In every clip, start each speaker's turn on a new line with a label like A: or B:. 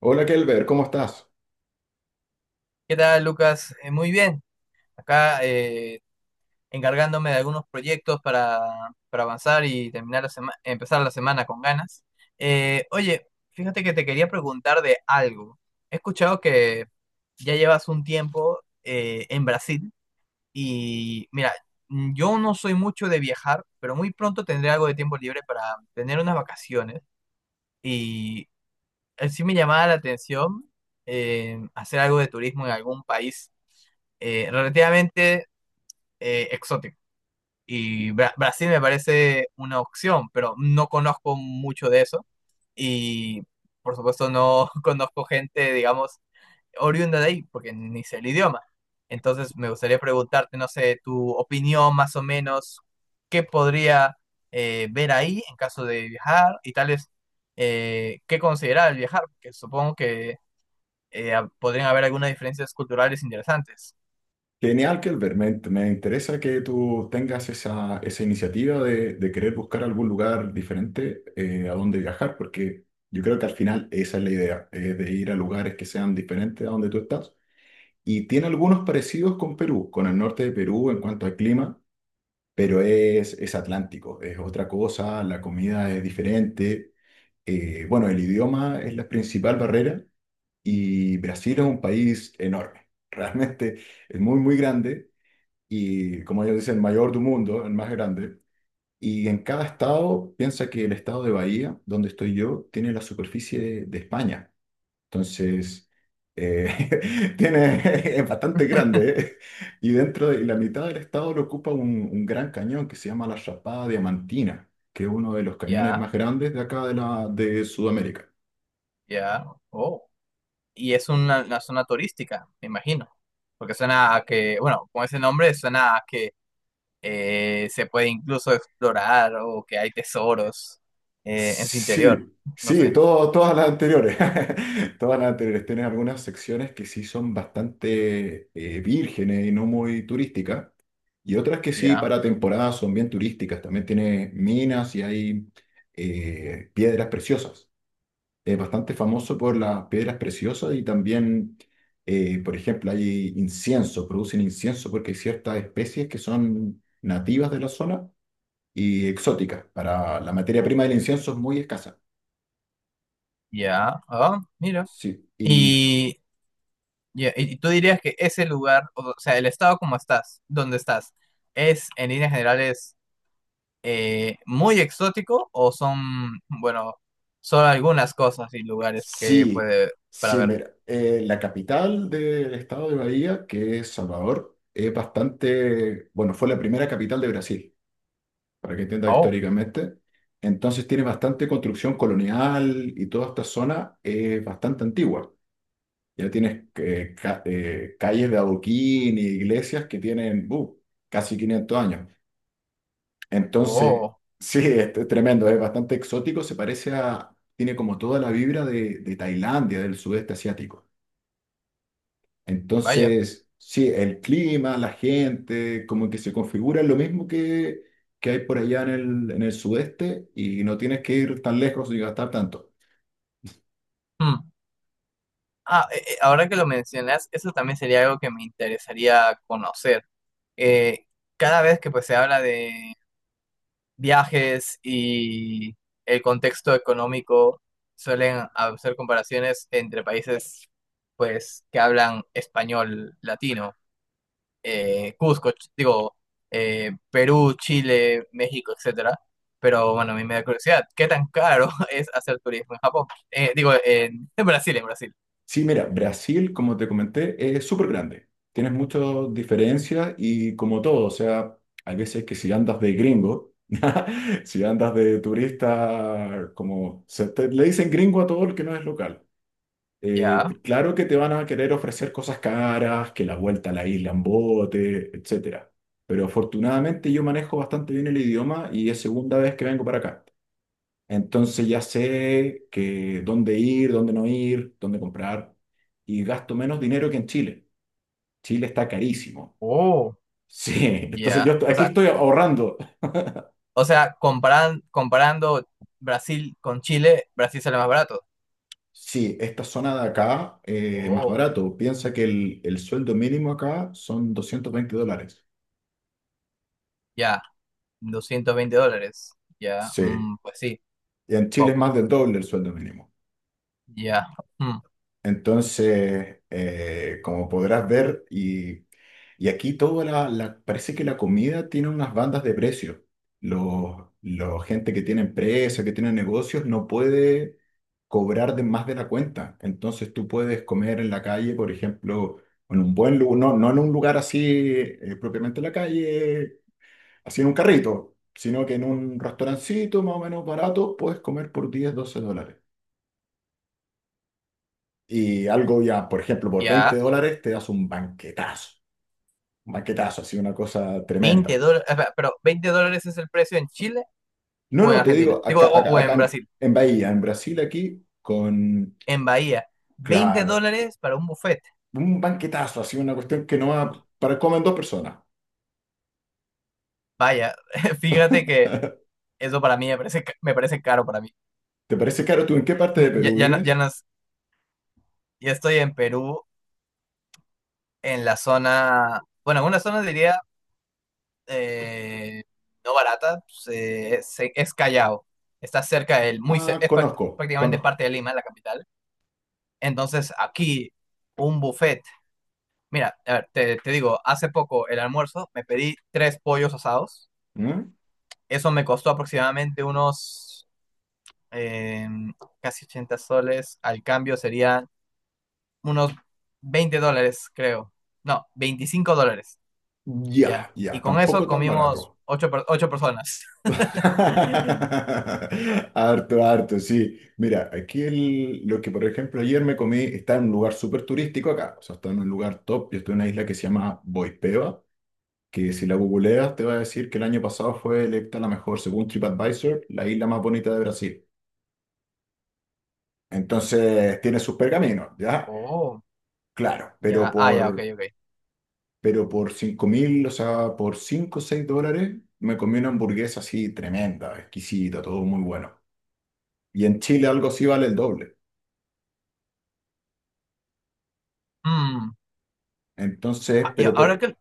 A: Hola Kelber, ¿cómo estás?
B: ¿Qué tal, Lucas? Muy bien. Acá encargándome de algunos proyectos para avanzar y terminar la empezar la semana con ganas. Oye, fíjate que te quería preguntar de algo. He escuchado que ya llevas un tiempo en Brasil. Y mira, yo no soy mucho de viajar, pero muy pronto tendré algo de tiempo libre para tener unas vacaciones. Y sí me llamaba la atención, hacer algo de turismo en algún país relativamente exótico. Y Brasil me parece una opción, pero no conozco mucho de eso. Y por supuesto no conozco gente, digamos, oriunda de ahí, porque ni sé el idioma. Entonces me gustaría preguntarte, no sé, tu opinión más o menos, qué podría ver ahí en caso de viajar y tal vez qué considerar al viajar, porque supongo que eh, podrían haber algunas diferencias culturales interesantes.
A: Genial Kelber, me interesa que tú tengas esa iniciativa de querer buscar algún lugar diferente a donde viajar, porque yo creo que al final esa es la idea, de ir a lugares que sean diferentes a donde tú estás. Y tiene algunos parecidos con Perú, con el norte de Perú en cuanto al clima, pero es atlántico, es otra cosa, la comida es diferente, bueno, el idioma es la principal barrera. Y Brasil es un país enorme, realmente es muy, muy grande y, como ellos dicen, el mayor del mundo, el más grande. Y en cada estado, piensa que el estado de Bahía, donde estoy yo, tiene la superficie de España. Entonces, tiene, es bastante grande, ¿eh? Y dentro de y la mitad del estado lo ocupa un gran cañón que se llama la Chapada Diamantina, que es uno de los cañones
B: Ya.
A: más grandes de acá de, la, de Sudamérica.
B: Ya, oh. Y es una zona turística, me imagino. Porque suena a que, bueno, con ese nombre suena a que se puede incluso explorar o que hay tesoros en su interior.
A: Sí,
B: No
A: sí,
B: sé.
A: todas las anteriores. Todas las anteriores. Tienen algunas secciones que sí son bastante vírgenes y no muy turísticas. Y otras que sí,
B: Ya,
A: para temporada, son bien turísticas. También tiene minas y hay piedras preciosas. Es bastante famoso por las piedras preciosas y también, por ejemplo, hay incienso, producen incienso porque hay ciertas especies que son nativas de la zona y exóticas. Para la materia prima del incienso es muy escasa.
B: ya. Ah, mira.
A: Sí, y
B: Y, ya, y tú dirías que ese lugar, o sea, el estado como estás, donde estás, es en líneas generales muy exótico. O son, bueno, solo algunas cosas y lugares que
A: sí,
B: puede para
A: sí,
B: ver.
A: mira, la capital del estado de Bahía, que es Salvador, es bastante, bueno, fue la primera capital de Brasil, para que entiendas
B: Oh.
A: históricamente. Entonces tiene bastante construcción colonial y toda esta zona es bastante antigua. Ya tienes calles de adoquín y iglesias que tienen casi 500 años. Entonces,
B: Oh,
A: sí, es tremendo, es bastante exótico, se parece a, tiene como toda la vibra de Tailandia, del sudeste asiático.
B: vaya.
A: Entonces, sí, el clima, la gente, como que se configura lo mismo que hay por allá en el sudeste y no tienes que ir tan lejos ni gastar tanto.
B: Hmm. Ah, ahora que lo mencionas, eso también sería algo que me interesaría conocer. Eh, Cada vez que pues se habla de viajes y el contexto económico, suelen hacer comparaciones entre países pues que hablan español latino, digo, Perú, Chile, México, etcétera. Pero bueno, a mí me da curiosidad, ¿qué tan caro es hacer turismo en Japón? Digo, en Brasil, en Brasil.
A: Sí, mira, Brasil, como te comenté, es súper grande. Tienes muchas diferencias y como todo, o sea, hay veces que si andas de gringo, si andas de turista, como le dicen gringo a todo el que no es local.
B: Ya.
A: Claro que te van a querer ofrecer cosas caras, que la vuelta a la isla en bote, etcétera. Pero afortunadamente yo manejo bastante bien el idioma y es segunda vez que vengo para acá. Entonces ya sé que dónde ir, dónde no ir, dónde comprar y gasto menos dinero que en Chile. Chile está carísimo.
B: Oh,
A: Sí, entonces yo
B: ya.
A: estoy- aquí estoy ahorrando.
B: O sea, comparando Brasil con Chile, Brasil sale más barato.
A: Sí, esta zona de acá es más
B: Oh,
A: barato. Piensa que el sueldo mínimo acá son $220.
B: ya. $220. Ya.
A: Sí,
B: Pues sí,
A: y en Chile es
B: poco.
A: más del doble el sueldo mínimo.
B: Ya. Mm,
A: Entonces, como podrás ver, y aquí toda la parece que la comida tiene unas bandas de precios. Los gente que tiene empresa, que tiene negocios, no puede cobrar de más de la cuenta. Entonces tú puedes comer en la calle, por ejemplo, en un buen lugar, no, no en un lugar así propiamente en la calle, así en un carrito, sino que en un restaurancito más o menos barato, puedes comer por 10 12 dólares. Y algo ya, por ejemplo, por 20
B: ya.
A: dólares te das un banquetazo, así una cosa
B: veinte
A: tremenda.
B: dólares. Pero, ¿$20 es el precio en Chile
A: No,
B: o en
A: no, te
B: Argentina?
A: digo,
B: Digo,
A: acá, acá,
B: o
A: acá
B: en
A: en,
B: Brasil.
A: en Bahía, en Brasil, aquí, con,
B: En Bahía. veinte
A: claro,
B: dólares para un buffet.
A: un banquetazo, así una cuestión que no va para comer dos personas.
B: Vaya, fíjate que eso para mí me parece, me parece caro para mí.
A: ¿Te parece caro tú en qué parte de
B: Ya,
A: Perú
B: ya, ya,
A: vives?
B: ya estoy en Perú en la zona, bueno, en una zona diría eh, no barata, es Callao. Está cerca del, muy,
A: Ah,
B: es
A: conozco,
B: prácticamente
A: conozco.
B: parte de Lima, la capital. Entonces, aquí, un buffet. Mira, a ver, te digo, hace poco el almuerzo me pedí tres pollos asados.
A: ¿Mm?
B: Eso me costó aproximadamente unos eh, casi 80 soles. Al cambio serían unos $20, creo. No, $25.
A: Ya,
B: Ya. Y
A: ya,
B: con eso
A: tampoco tan
B: comimos
A: barato.
B: ocho personas.
A: Harto, harto, sí. Mira, aquí lo que por ejemplo ayer me comí está en un lugar súper turístico acá, o sea, está en un lugar top. Yo estoy en una isla que se llama Boipeba, que si la googleas te va a decir que el año pasado fue electa la mejor, según TripAdvisor, la isla más bonita de Brasil. Entonces tiene sus pergaminos, ¿ya?
B: Oh,
A: Claro,
B: ya. Ah, ya, ok, ok.
A: pero por 5 mil, o sea, por 5 o 6 dólares me comí una hamburguesa así tremenda, exquisita, todo muy bueno. Y en Chile algo así vale el doble.
B: Mm. Ah,
A: Entonces,
B: Y
A: pero
B: ahora
A: por...
B: que,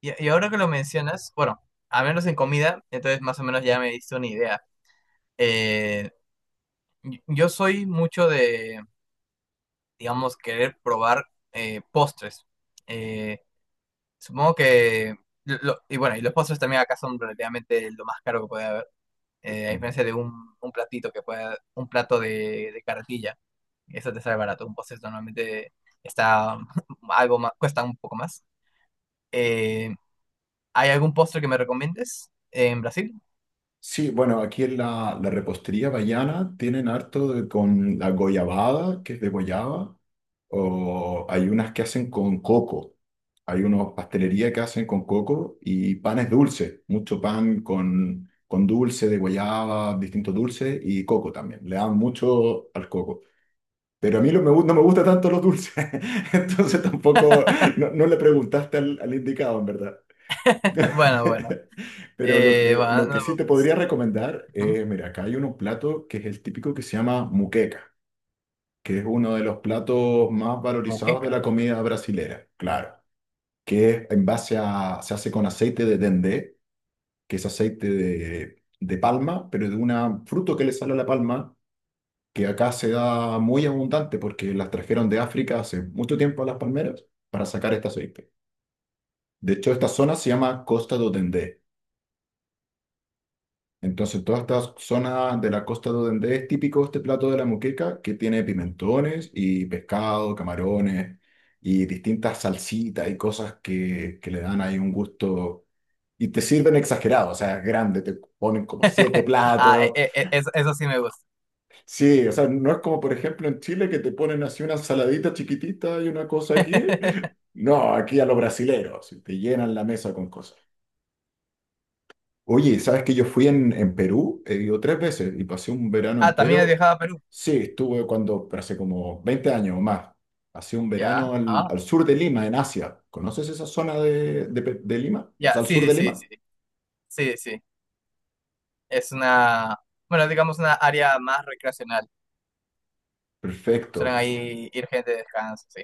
B: y y ahora que lo mencionas, bueno, a menos en comida, entonces más o menos ya me diste una idea. Eh, yo soy mucho de, digamos, querer probar postres. Eh, Supongo que, y bueno, y los postres también acá son relativamente lo más caro que puede haber. A diferencia de un platito que pueda, un plato de carretilla, eso te sale barato. Un postre normalmente está algo más, cuesta un poco más. Eh, ¿Hay algún postre que me recomiendes en Brasil?
A: Sí, bueno, aquí en la repostería vallana tienen harto de- con la goyabada, que es de guayaba, o hay unas que hacen con coco. Hay unos pastelería que hacen con coco y panes dulces, mucho pan con dulce de guayaba, distintos dulces y coco también. Le dan mucho al coco. Pero a mí no me gusta tanto los dulces, entonces tampoco, no, no le preguntaste al indicado, en verdad.
B: Bueno, bueno.
A: Pero lo que,
B: Bueno,
A: lo que
B: no,
A: sí te podría
B: pues,
A: recomendar,
B: ¿hmm?
A: mira, acá hay un plato que es el típico que se llama muqueca, que es uno de los platos más valorizados de
B: Moqueca.
A: la comida brasilera, claro, que es en base a, se hace con aceite de dendé, que es aceite de palma, pero de un fruto que le sale a la palma, que acá se da muy abundante porque las trajeron de África hace mucho tiempo a las palmeras para sacar este aceite. De hecho, esta zona se llama Costa do Dendé. Entonces, toda esta zona de la costa de donde es típico este plato de la moqueca, que tiene pimentones y pescado, camarones y distintas salsitas y cosas que le dan ahí un gusto. Y te sirven exagerado, o sea, grande, te ponen como siete
B: Ah,
A: platos.
B: eso, eso sí me gusta.
A: Sí, o sea, no es como por ejemplo en Chile que te ponen así una ensaladita chiquitita y una cosa aquí. No, aquí a los brasileros, te llenan la mesa con cosas. Oye, ¿sabes que yo fui en Perú? He ido tres veces y pasé un verano
B: Ah, también has
A: entero.
B: viajado a Perú.
A: Sí, estuve cuando, pero hace como 20 años o más. Pasé un
B: Ya,
A: verano al,
B: ah,
A: al sur de Lima, en Asia. ¿Conoces esa zona de de Lima? O
B: ya,
A: sea, al
B: sí,
A: sur
B: sí,
A: de
B: sí,
A: Lima.
B: sí, sí, sí. Es una, bueno, digamos una área más recreacional. Suelen
A: Perfecto.
B: ahí ir gente de descanso, sí.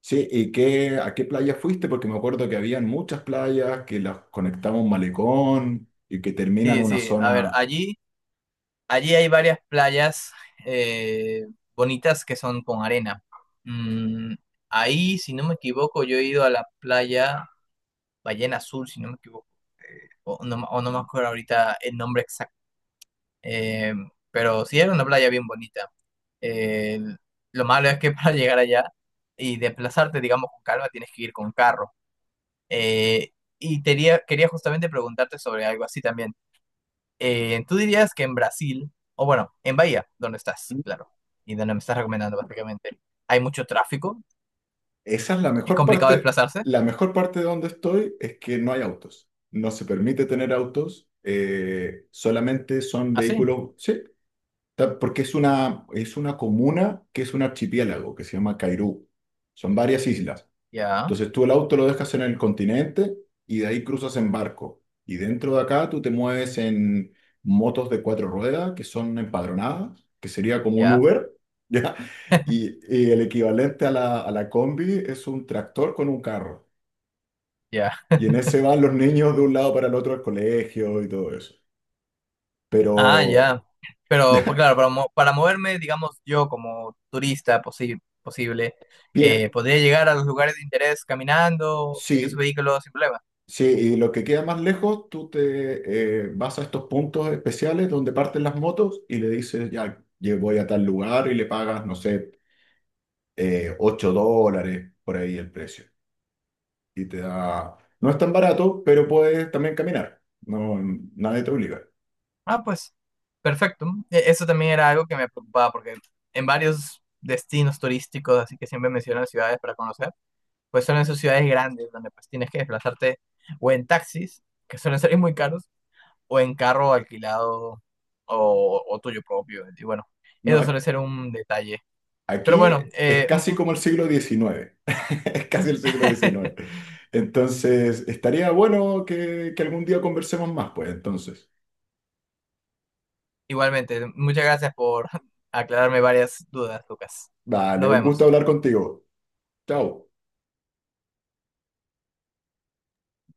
A: Sí, ¿y qué, a qué playa fuiste? Porque me acuerdo que habían muchas playas que las conectaba un malecón y que terminan
B: Sí,
A: en una
B: sí, a ver,
A: zona.
B: allí hay varias playas eh, bonitas que son con arena. Mm, ahí, si no me equivoco, yo he ido a la playa Ballena Azul, si no me equivoco. O no, me o no me acuerdo ahorita el nombre exacto. Eh, pero sí era una playa bien bonita. Eh, lo malo es que para llegar allá y desplazarte, digamos, con calma, tienes que ir con carro. Eh, Quería justamente preguntarte sobre algo así también. ¿Tú dirías que en Brasil, o bueno, en Bahía, donde estás, claro, y donde me estás recomendando, prácticamente hay mucho tráfico?
A: Esa es la
B: ¿Es
A: mejor
B: complicado
A: parte.
B: desplazarse?
A: La mejor parte de donde estoy es que no hay autos. No se permite tener autos. Eh, solamente son
B: Ah, sí,
A: vehículos. Sí, ta- porque es una comuna que es un archipiélago que se llama Cairú. Son varias islas.
B: ya,
A: Entonces tú el auto lo dejas en el continente y de ahí cruzas en barco. Y dentro de acá tú te mueves en motos de cuatro ruedas que son empadronadas, que sería como un
B: ya,
A: Uber, ¿ya? Y el equivalente a la combi es un tractor con un carro.
B: ya.
A: Y en ese van los niños de un lado para el otro al colegio y todo eso.
B: Ah,
A: Pero,
B: ya. Pero, pues
A: ¿ya?
B: claro, para, para moverme, digamos, yo como turista posible,
A: Bien,
B: podría llegar a los lugares de interés caminando en esos
A: sí,
B: vehículos sin problema.
A: sí, y lo que queda más lejos, tú te vas a estos puntos especiales donde parten las motos y le dices, ya, yo voy a tal lugar y le pagas, no sé, $8 por ahí el precio. Y te da, no es tan barato, pero puedes también caminar. No, nadie te obliga.
B: Ah, pues, perfecto. Eso también era algo que me preocupaba porque en varios destinos turísticos, así que siempre mencionan ciudades para conocer. Pues suelen ser ciudades grandes donde pues tienes que desplazarte o en taxis, que suelen ser muy caros, o en carro alquilado o, tuyo propio. Y bueno,
A: No,
B: eso suele ser un detalle. Pero
A: aquí
B: bueno,
A: es casi como el siglo XIX, es casi el siglo XIX. Entonces, estaría bueno que algún día conversemos más, pues entonces.
B: igualmente, muchas gracias por aclararme varias dudas, Lucas.
A: Vale,
B: Nos
A: un
B: vemos.
A: gusto hablar contigo. Chao.